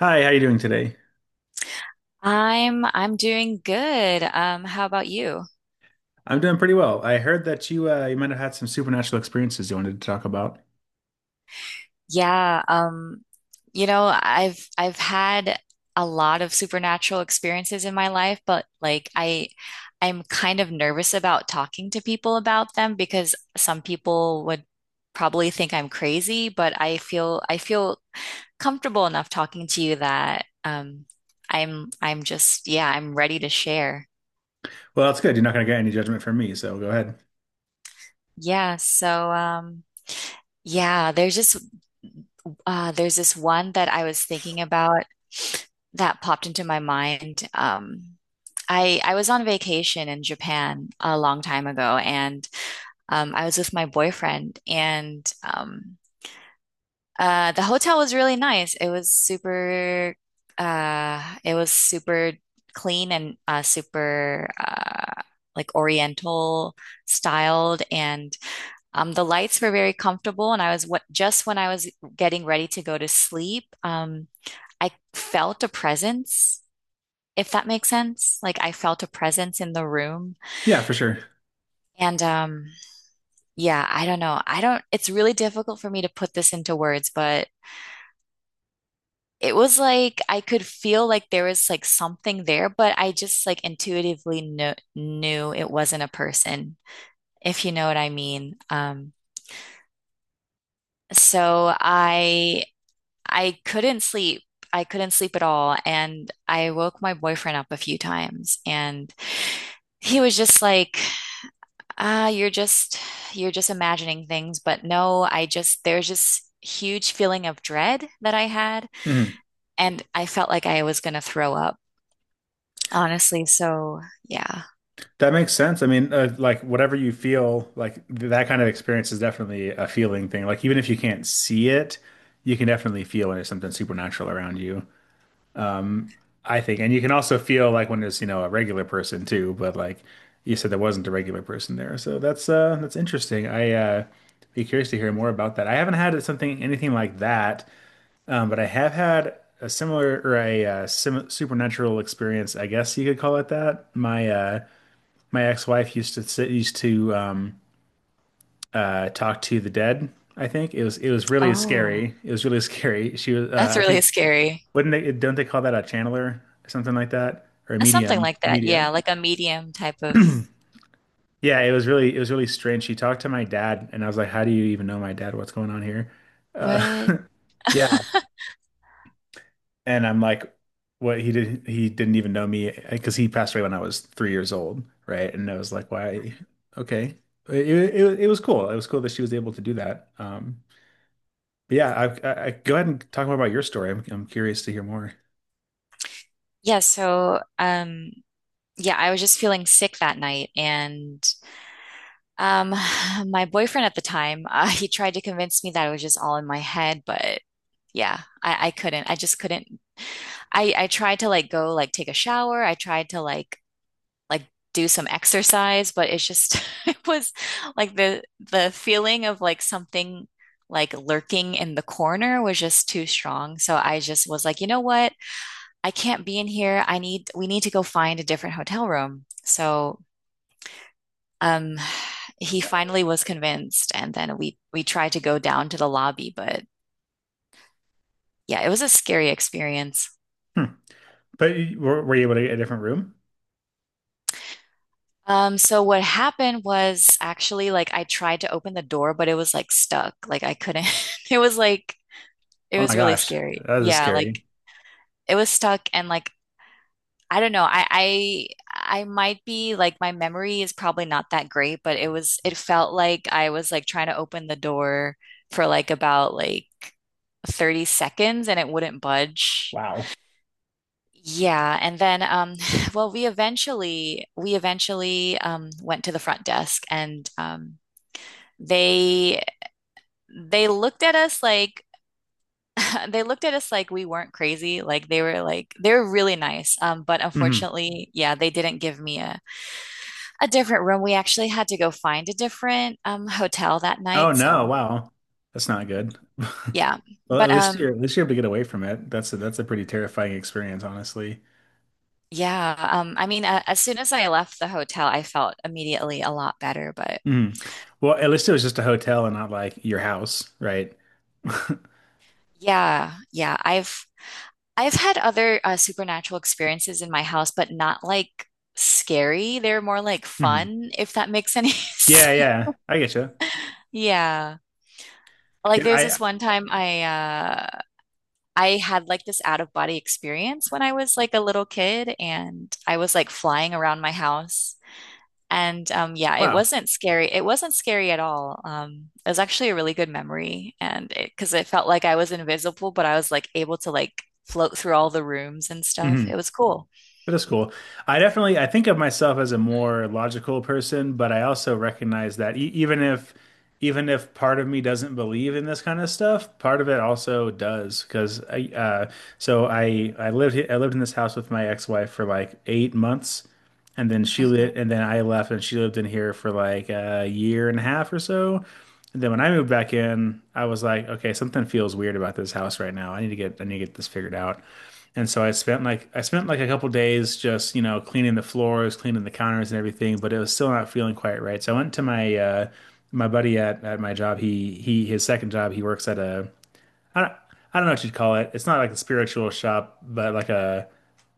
Hi, how are you doing today? I'm doing good. How about you? I'm doing pretty well. I heard that you might have had some supernatural experiences you wanted to talk about. Yeah, um, I've had a lot of supernatural experiences in my life, but I'm kind of nervous about talking to people about them because some people would probably think I'm crazy, but I feel comfortable enough talking to you that I'm just yeah, I'm ready to share. Well, that's good. You're not going to get any judgment from me, so go ahead. Yeah, so um yeah, there's just there's this one that I was thinking about that popped into my mind. I was on vacation in Japan a long time ago, and I was with my boyfriend, and the hotel was really nice. It was super clean and super like Oriental styled, and the lights were very comfortable, and I was what just when I was getting ready to go to sleep, I felt a presence, if that makes sense. Like I felt a presence in the room. Yeah, for sure. And yeah, I don't know. I don't, It's really difficult for me to put this into words, but it was like I could feel like there was like something there, but I just like intuitively knew it wasn't a person, if you know what I mean. So I couldn't sleep. I couldn't sleep at all. And I woke my boyfriend up a few times and he was just like, ah, you're just, you're just imagining things. But no, there's just huge feeling of dread that I had. Mhm. And I felt like I was going to throw up, honestly. So yeah. That makes sense. I mean, like whatever you feel, like that kind of experience is definitely a feeling thing. Like even if you can't see it, you can definitely feel when there's something supernatural around you, I think. And you can also feel like when it's, you know, a regular person too, but like you said there wasn't a regular person there. So that's interesting. I' be curious to hear more about that. I haven't had something anything like that, but I have had a similar or a sim supernatural experience, I guess you could call it that. My ex-wife used to talk to the dead, I think. It was really Oh, scary. It was really scary. She was that's I really think scary. wouldn't they, don't they call that a channeler or something like that? Or a Something medium? like that. Yeah. Medium. Like a medium type of Yeah, it was really strange. She talked to my dad and I was like, how do you even know my dad? What's going on here? Uh, what? yeah. And I'm like, he didn't even know me because he passed away when I was 3 years old. Right. And I was like, why? Okay. It was cool. It was cool that she was able to do that. But yeah, go ahead and talk more about your story. I'm curious to hear more. Yeah, so um yeah, I was just feeling sick that night and Um, my boyfriend at the time, he tried to convince me that it was just all in my head, but yeah, I couldn't. I just couldn't. I tried to like go like take a shower. I tried to like do some exercise, but it's just it was like the feeling of like something like lurking in the corner was just too strong. So I just was like, you know what? I can't be in here. I need we need to go find a different hotel room. So um, he finally was convinced, and then we tried to go down to the lobby, but yeah, it was a scary experience. Hmm. But were you able to get a different room? So what happened was actually like I tried to open the door, but it was like stuck. Like I couldn't. It was like it Oh was my really gosh, scary. that is Yeah, like scary. it was stuck, and like I don't know. I might be like my memory is probably not that great, but it felt like I was like trying to open the door for about 30 seconds and it wouldn't budge. Wow. Yeah, and then well we eventually went to the front desk and they they looked at us like they looked at us like we weren't crazy. They were really nice. But Hmm. unfortunately, yeah, they didn't give me a different room. We actually had to go find a different hotel that night. Oh no, So wow. That's not good. yeah, Well, at but least you're um, at least you're able to get away from it. That's a pretty terrifying experience, honestly. yeah, I mean, as soon as I left the hotel, I felt immediately a lot better. But Hmm. Well, at least it was just a hotel and not like your house, right? Hmm. yeah, I've had other supernatural experiences in my house, but not like scary. They're more like fun, if that makes any Yeah, sense. yeah. I get you. Yeah. Like Yeah, there's I this one time I had like this out of body experience when I was like a little kid and I was like flying around my house. And Yeah, it wow. wasn't scary. It wasn't scary at all. It was actually a really good memory. Because it felt like I was invisible, but I was like able to like float through all the rooms and stuff. It Mhm. was cool. That is cool. I think of myself as a more logical person, but I also recognize that e even if part of me doesn't believe in this kind of stuff, part of it also does. Because I so I lived in this house with my ex-wife for like 8 months, and then hmm I left, and she lived in here for like a year and a half or so. And then when I moved back in, I was like, okay, something feels weird about this house right now. I need to get this figured out. And so I spent like a couple days just, cleaning the floors, cleaning the counters and everything, but it was still not feeling quite right. So I went to my buddy at my job. He his second job, he works at a, I don't know what you'd call it. It's not like a spiritual shop, but like a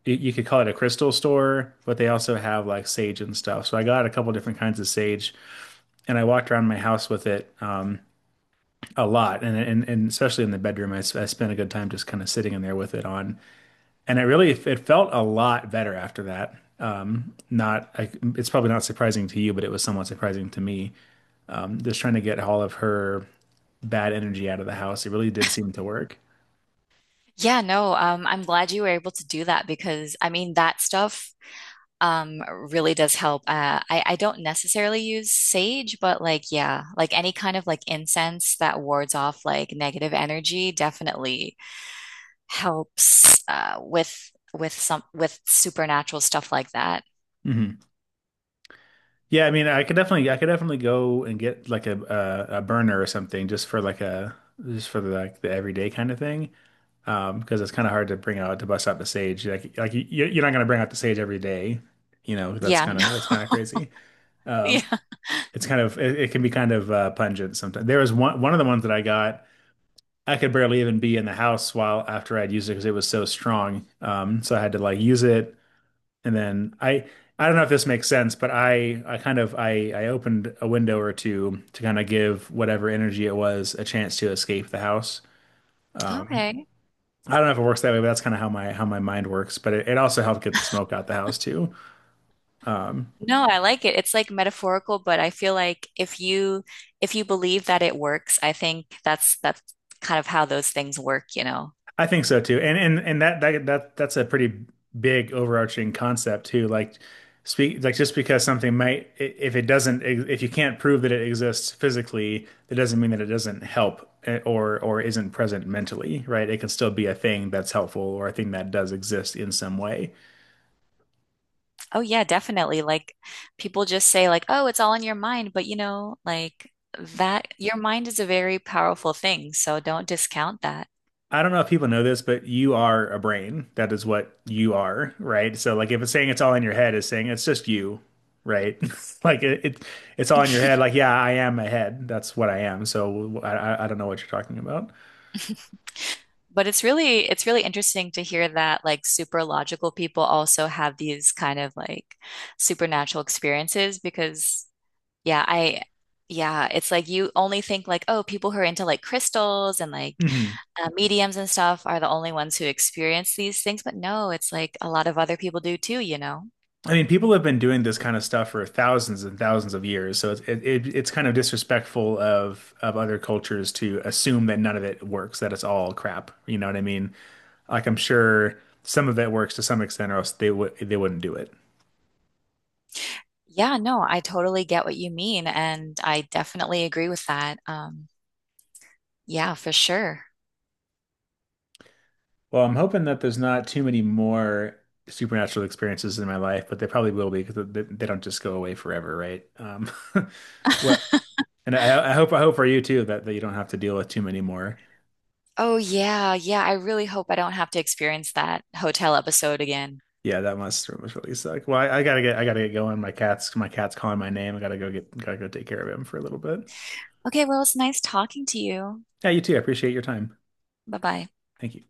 you you could call it a crystal store, but they also have like sage and stuff. So I got a couple different kinds of sage and I walked around my house with it a lot, and especially in the bedroom I spent a good time just kind of sitting in there with it on. And it felt a lot better after that. Not I, it's probably not surprising to you, but it was somewhat surprising to me. Just trying to get all of her bad energy out of the house, it really did seem to work. Yeah, no, I'm glad you were able to do that because I mean, that stuff um really does help. I don't necessarily use sage, but like yeah, like any kind of like incense that wards off like negative energy definitely helps with some with supernatural stuff like that. Hmm. Yeah, I mean, I could definitely go and get like a burner or something just for like a just for the, like the everyday kind of thing. Because it's kind of hard to bust out the sage. Like you're not gonna bring out the sage every day. You know, that's Yeah, kind no, of that's kind of crazy. yeah. Um, it's kind of it can be kind of pungent sometimes. There was one of the ones that I got. I could barely even be in the house while after I'd used it because it was so strong. So I had to like use it, and then I don't know if this makes sense, but I kind of I opened a window or two to kind of give whatever energy it was a chance to escape the house. Um, Okay. I don't know if it works that way, but that's kind of how my mind works. But it also helped get the smoke out the house too. Um, No, I like it. It's like metaphorical, but I feel like if you believe that it works, I think that's kind of how those things work, you know. I think so too. And that's a pretty big overarching concept too. Like speak like just because something if it doesn't, if you can't prove that it exists physically, that doesn't mean that it doesn't help, eh, or isn't present mentally, right? It can still be a thing that's helpful or a thing that does exist in some way. Oh yeah, definitely. Like people just say like, "Oh, it's all in your mind," but you know, like that your mind is a very powerful thing, so don't discount that. I don't know if people know this, but you are a brain. That is what you are, right? So like if it's saying it's all in your head, it's saying it's just you, right? Like it's all in your head. Like, yeah, I am a head. That's what I am. So I don't know what you're talking about. But it's really interesting to hear that like super logical people also have these kind of like supernatural experiences because yeah, I yeah, it's like you only think like, "Oh, people who are into like crystals and like Hmm. Mediums and stuff are the only ones who experience these things." But no, it's like a lot of other people do too, you know. I mean, people have been doing this kind of stuff for thousands and thousands of years. So it's kind of disrespectful of other cultures to assume that none of it works, that it's all crap. You know what I mean? Like I'm sure some of it works to some extent, or else they wouldn't do it. Yeah, no, I totally get what you mean, and I definitely agree with that. Yeah, for sure. Well, I'm hoping that there's not too many more supernatural experiences in my life, but they probably will be because they don't just go away forever, right? What? And I hope for you too that you don't have to deal with too many more. Oh, yeah, yeah, I really hope I don't have to experience that hotel episode again. Yeah, that must really suck. Well, I gotta get going. My cat's calling my name. I gotta go take care of him for a little bit. Okay, well, it's nice talking to you. Yeah, you too. I appreciate your time. Bye-bye. Thank you.